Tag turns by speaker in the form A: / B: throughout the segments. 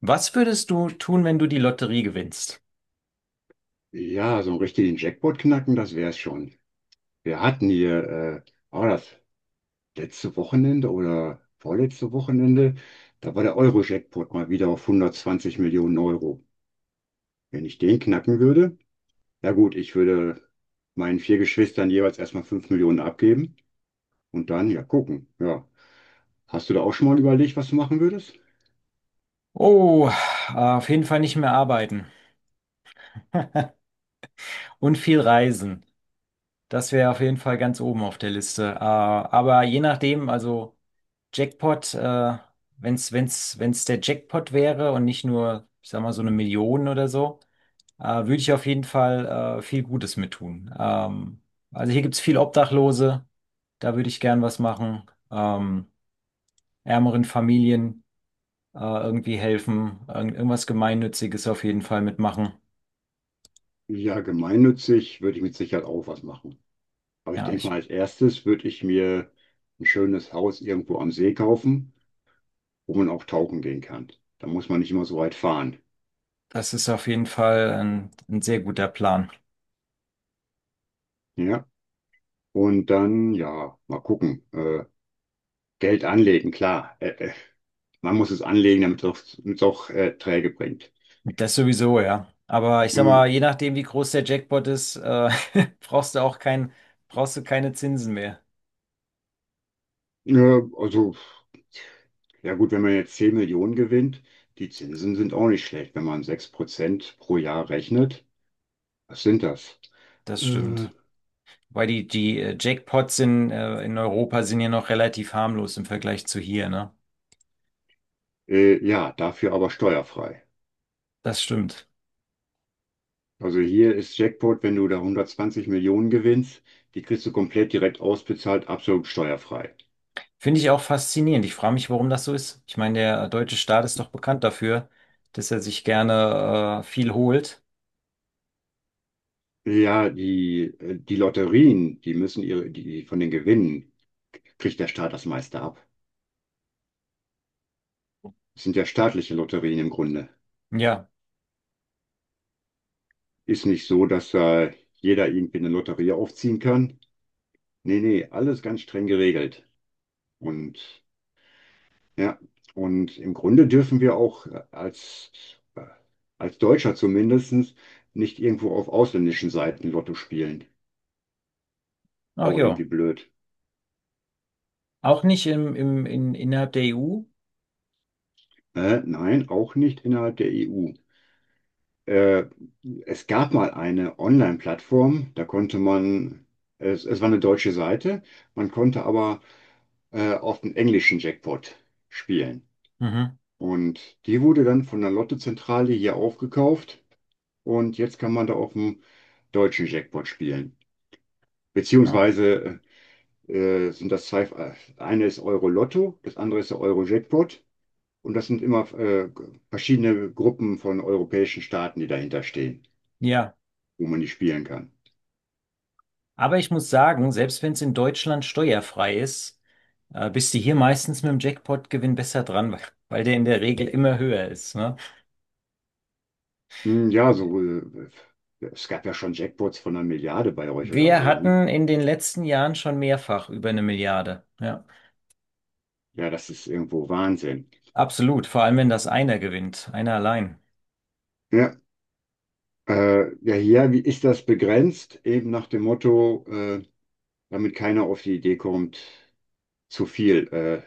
A: Was würdest du tun, wenn du die Lotterie gewinnst?
B: Ja, so richtigen Jackpot knacken, das wär's schon. Wir hatten hier, war das letzte Wochenende oder vorletzte Wochenende, da war der Euro-Jackpot mal wieder auf 120 Millionen Euro. Wenn ich den knacken würde, ja gut, ich würde meinen 4 Geschwistern jeweils erstmal 5 Millionen abgeben und dann ja gucken. Ja, hast du da auch schon mal überlegt, was du machen würdest?
A: Oh, auf jeden Fall nicht mehr arbeiten und viel reisen. Das wäre auf jeden Fall ganz oben auf der Liste. Aber je nachdem, also Jackpot, wenn's der Jackpot wäre und nicht nur, ich sag mal, so eine Million oder so. Würde ich auf jeden Fall viel Gutes mit tun. Also hier gibt's viel Obdachlose, da würde ich gern was machen. Ähm, Ärmeren Familien irgendwie helfen, irgendwas Gemeinnütziges auf jeden Fall mitmachen.
B: Ja, gemeinnützig würde ich mit Sicherheit auch was machen. Aber ich
A: Ja,
B: denke mal, als erstes würde ich mir ein schönes Haus irgendwo am See kaufen, wo man auch tauchen gehen kann. Da muss man nicht immer so weit fahren.
A: das ist auf jeden Fall ein sehr guter Plan.
B: Ja. Und dann, ja, mal gucken. Geld anlegen, klar. Man muss es anlegen, damit es auch Träge bringt.
A: Das sowieso, ja. Aber ich sag mal, je
B: Mhm.
A: nachdem, wie groß der Jackpot ist, brauchst du auch kein, brauchst du keine Zinsen mehr.
B: Ja, also, ja gut, wenn man jetzt 10 Millionen gewinnt, die Zinsen sind auch nicht schlecht. Wenn man 6% pro Jahr rechnet, was sind das?
A: Das
B: Äh,
A: stimmt. Weil die Jackpots in Europa sind ja noch relativ harmlos im Vergleich zu hier, ne?
B: ja, dafür aber steuerfrei.
A: Das stimmt.
B: Also hier ist Jackpot, wenn du da 120 Millionen gewinnst, die kriegst du komplett direkt ausbezahlt, absolut steuerfrei.
A: Finde ich auch faszinierend. Ich frage mich, warum das so ist. Ich meine, der deutsche Staat ist doch bekannt dafür, dass er sich gerne viel holt.
B: Ja, die Lotterien, die von den Gewinnen kriegt der Staat das meiste ab. Das sind ja staatliche Lotterien im Grunde.
A: Ja,
B: Ist nicht so, dass jeder irgendwie eine Lotterie aufziehen kann. Nee, nee, alles ganz streng geregelt. Und ja, und im Grunde dürfen wir auch äh, als Deutscher zumindest nicht irgendwo auf ausländischen Seiten Lotto spielen.
A: ach
B: Auch
A: ja.
B: irgendwie blöd.
A: Auch nicht innerhalb der EU?
B: Nein, auch nicht innerhalb der EU. Äh, Es gab mal eine Online-Plattform, da konnte man, es war eine deutsche Seite, man konnte aber auf den englischen Jackpot spielen.
A: Mhm.
B: Und die wurde dann von der Lottozentrale hier aufgekauft und jetzt kann man da auf dem deutschen Jackpot spielen.
A: Ah,
B: Beziehungsweise äh, sind das zwei, eine ist Euro-Lotto, das andere ist der Euro-Jackpot, und das sind immer verschiedene Gruppen von europäischen Staaten, die dahinter stehen,
A: ja,
B: wo man die spielen kann.
A: aber ich muss sagen, selbst wenn es in Deutschland steuerfrei ist, bist du hier meistens mit dem Jackpot-Gewinn besser dran, weil weil der in der Regel immer höher ist, ne?
B: Ja, so, es gab ja schon Jackpots von 1 Milliarde bei euch oder
A: Wir
B: so, ne?
A: hatten in den letzten Jahren schon mehrfach über eine Milliarde. Ja,
B: Ja, das ist irgendwo Wahnsinn.
A: absolut. Vor allem, wenn das einer gewinnt, einer allein.
B: Ja, ja, hier, wie ist das begrenzt? Eben nach dem Motto, damit keiner auf die Idee kommt, zu viel, äh,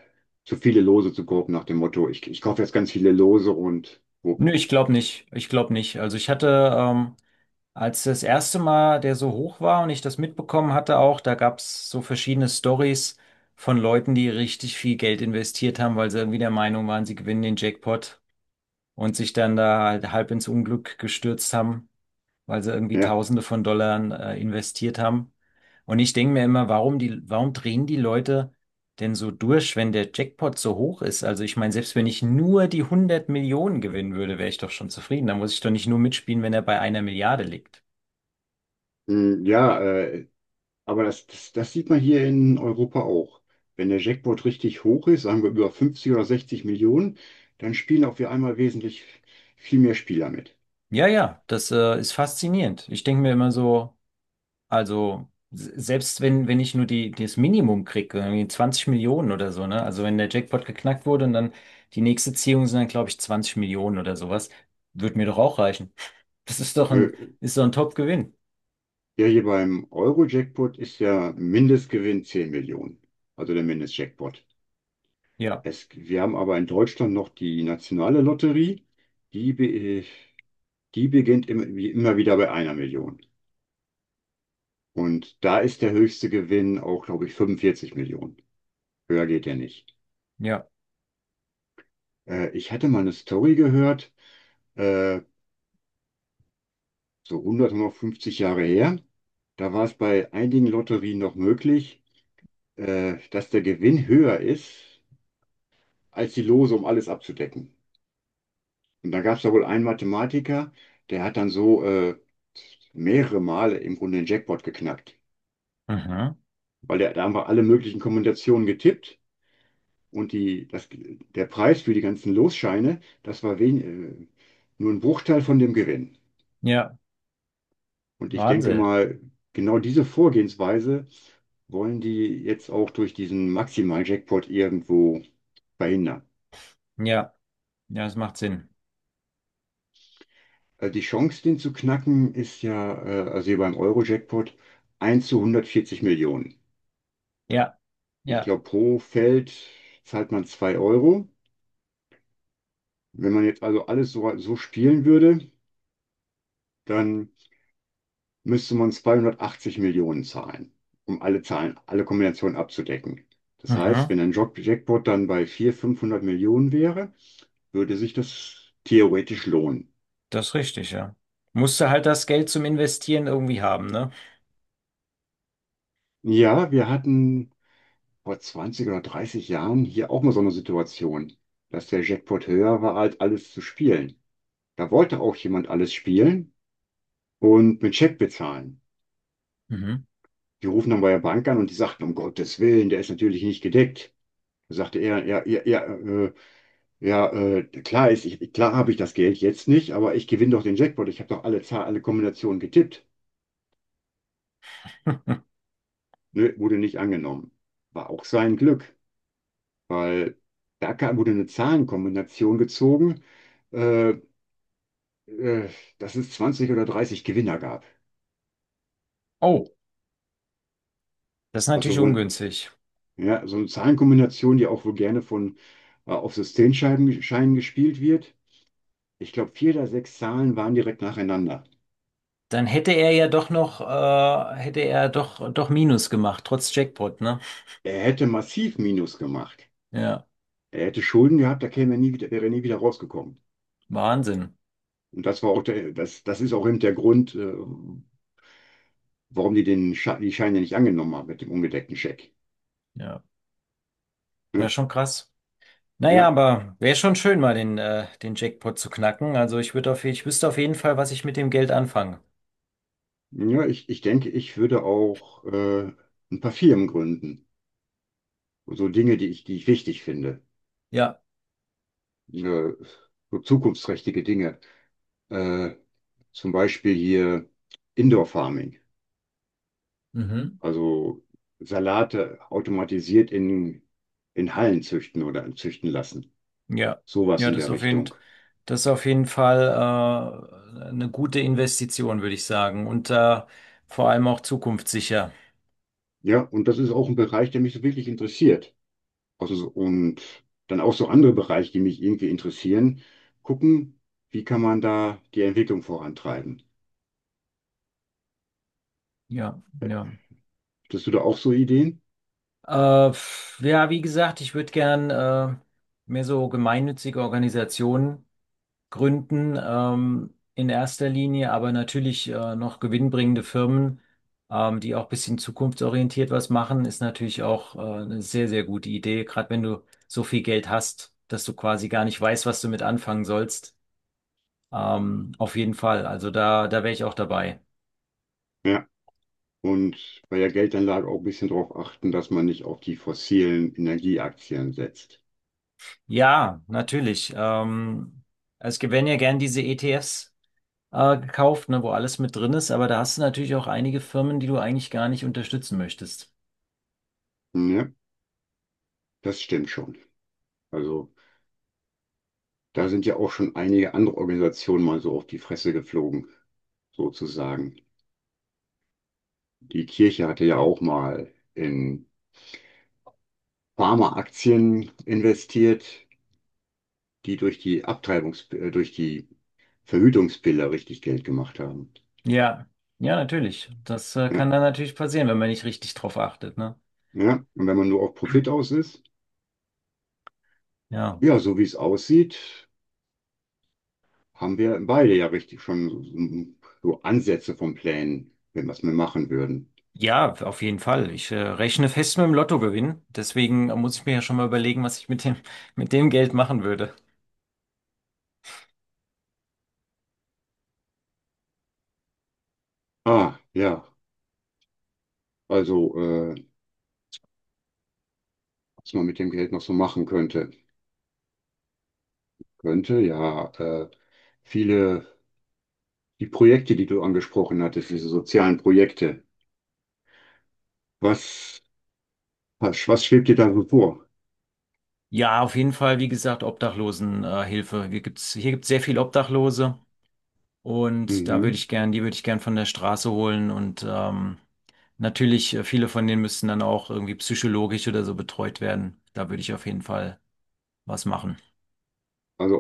B: zu viele Lose zu kaufen, nach dem Motto, ich kaufe jetzt ganz viele Lose und wupp.
A: Nö, ich glaube nicht. Ich glaube nicht. Also ich hatte, als das erste Mal der so hoch war und ich das mitbekommen hatte auch, da gab's so verschiedene Stories von Leuten, die richtig viel Geld investiert haben, weil sie irgendwie der Meinung waren, sie gewinnen den Jackpot und sich dann da halt halb ins Unglück gestürzt haben, weil sie irgendwie
B: Ja,
A: Tausende von Dollar investiert haben. Und ich denke mir immer, warum drehen die Leute denn so durch, wenn der Jackpot so hoch ist? Also ich meine, selbst wenn ich nur die 100 Millionen gewinnen würde, wäre ich doch schon zufrieden. Da muss ich doch nicht nur mitspielen, wenn er bei einer Milliarde liegt.
B: ja, aber das sieht man hier in Europa auch. Wenn der Jackpot richtig hoch ist, sagen wir über 50 oder 60 Millionen, dann spielen auch wir einmal wesentlich viel mehr Spieler mit.
A: Ja, ja, das ist faszinierend. Ich denke mir immer so, also selbst wenn ich nur die, das Minimum kriege, irgendwie 20 Millionen oder so, ne? Also wenn der Jackpot geknackt wurde und dann die nächste Ziehung sind dann, glaube ich, 20 Millionen oder sowas, wird mir doch auch reichen. Das ist doch
B: Äh,
A: ein Top-Gewinn.
B: Ja, hier beim Euro-Jackpot ist ja Mindestgewinn 10 Millionen, also der Mindestjackpot.
A: Ja,
B: Wir haben aber in Deutschland noch die nationale Lotterie. Die, be, die beginnt wie immer wieder bei 1 Million. Und da ist der höchste Gewinn auch, glaube ich, 45 Millionen. Höher geht der nicht.
A: ja.
B: Ich hatte mal eine Story gehört, äh, so 100, 150 Jahre her. Da war es bei einigen Lotterien noch möglich, dass der Gewinn höher ist als die Lose, um alles abzudecken. Und da gab es da wohl einen Mathematiker, der hat dann so mehrere Male im Grunde den Jackpot geknackt,
A: Mhm.
B: weil der hat einfach alle möglichen Kombinationen getippt, und der Preis für die ganzen Losscheine, das war nur ein Bruchteil von dem Gewinn.
A: Ja,
B: Und ich denke
A: Wahnsinn.
B: mal, genau diese Vorgehensweise wollen die jetzt auch durch diesen Maximal-Jackpot irgendwo verhindern.
A: Ja, ja, das macht Sinn.
B: Also die Chance, den zu knacken, ist ja, also hier beim Euro-Jackpot, 1 zu 140 Millionen.
A: Ja,
B: Ich
A: ja.
B: glaube, pro Feld zahlt man 2 Euro. Wenn man jetzt also alles so spielen würde, dann müsste man 280 Millionen zahlen, um alle Zahlen, alle Kombinationen abzudecken. Das heißt,
A: Mhm.
B: wenn ein Jackpot dann bei 400, 500 Millionen wäre, würde sich das theoretisch lohnen.
A: Das ist richtig, ja. Musst du halt das Geld zum Investieren irgendwie haben, ne?
B: Ja, wir hatten vor 20 oder 30 Jahren hier auch mal so eine Situation, dass der Jackpot höher war, als alles zu spielen. Da wollte auch jemand alles spielen und mit Scheck bezahlen.
A: Mhm.
B: Die rufen dann bei der Bank an und die sagten, um Gottes Willen, der ist natürlich nicht gedeckt. Da sagte er, ja, ja, ja, ja, klar ist, klar habe ich das Geld jetzt nicht, aber ich gewinne doch den Jackpot. Ich habe doch alle Kombinationen getippt. Nö, wurde nicht angenommen. War auch sein Glück, weil wurde eine Zahlenkombination gezogen, äh, äh, dass es 20 oder 30 Gewinner gab.
A: Oh, das ist
B: Also
A: natürlich
B: wohl,
A: ungünstig.
B: ja, so eine Zahlenkombination, die auch wohl gerne von auf Systemscheiben Scheinen gespielt wird. Ich glaube, 4 der 6 Zahlen waren direkt nacheinander.
A: Dann hätte er ja doch noch, doch Minus gemacht, trotz Jackpot, ne?
B: Er hätte massiv Minus gemacht.
A: Ja,
B: Er hätte Schulden gehabt, da käme er nie wieder, wäre er nie wieder rausgekommen.
A: Wahnsinn.
B: Und das war auch das ist auch eben der Grund, warum die den Sche die Scheine nicht angenommen haben mit dem ungedeckten Scheck.
A: Ja, ja,
B: Ja,
A: schon krass. Naja,
B: ja,
A: aber wäre schon schön, mal den, den Jackpot zu knacken. Also ich würde auf, ich wüsste auf jeden Fall, was ich mit dem Geld anfange.
B: ich denke, ich würde auch ein paar Firmen gründen. So Dinge, die ich wichtig finde.
A: Ja.
B: Äh, so zukunftsträchtige Dinge. Äh, Zum Beispiel hier Indoor Farming.
A: Mhm.
B: Also Salate automatisiert in Hallen züchten oder züchten lassen.
A: Ja.
B: Sowas
A: Ja,
B: in der Richtung.
A: das ist auf jeden Fall eine gute Investition, würde ich sagen. Und vor allem auch zukunftssicher.
B: Ja, und das ist auch ein Bereich, der mich so wirklich interessiert. Also, und dann auch so andere Bereiche, die mich irgendwie interessieren, gucken, wie kann man da die Entwicklung vorantreiben.
A: Ja, ja.
B: Hattest du da auch so Ideen?
A: Ja, wie gesagt, ich würde gern mehr so gemeinnützige Organisationen gründen, in erster Linie, aber natürlich noch gewinnbringende Firmen, die auch ein bisschen zukunftsorientiert was machen, ist natürlich auch eine sehr, sehr gute Idee, gerade wenn du so viel Geld hast, dass du quasi gar nicht weißt, was du mit anfangen sollst. Auf jeden Fall, also da wäre ich auch dabei.
B: Ja. Und bei der Geldanlage auch ein bisschen darauf achten, dass man nicht auf die fossilen Energieaktien setzt.
A: Ja, natürlich. Es gibt, wenn ja gern diese ETFs gekauft, ne, wo alles mit drin ist, aber da hast du natürlich auch einige Firmen, die du eigentlich gar nicht unterstützen möchtest.
B: Ja, das stimmt schon. Also, da sind ja auch schon einige andere Organisationen mal so auf die Fresse geflogen, sozusagen. Die Kirche hatte ja auch mal in Pharmaaktien investiert, die durch die durch die Verhütungspille richtig Geld gemacht haben.
A: Ja, ja, natürlich. Das
B: Ja,
A: kann dann natürlich passieren, wenn man nicht richtig drauf achtet, ne?
B: ja. Und wenn man nur auf Profit aus ist,
A: Ja.
B: ja, so wie es aussieht, haben wir beide ja richtig schon so, so Ansätze von Plänen, wenn was wir machen würden.
A: Ja, auf jeden Fall. Ich rechne fest mit dem Lottogewinn. Deswegen muss ich mir ja schon mal überlegen, was ich mit dem, mit dem Geld machen würde.
B: Ja, also, was man mit dem Geld noch so machen könnte. Könnte, ja. Viele, die Projekte, die du angesprochen hattest, diese sozialen Projekte, was, was schwebt dir da so vor?
A: Ja, auf jeden Fall, wie gesagt, Obdachlosenhilfe. Hilfe. Hier gibt's, hier gibt's sehr viel Obdachlose. Und da würde
B: Mhm.
A: ich gern, die würde ich gern von der Straße holen, und natürlich, viele von denen müssten dann auch irgendwie psychologisch oder so betreut werden. Da würde ich auf jeden Fall was machen.
B: Also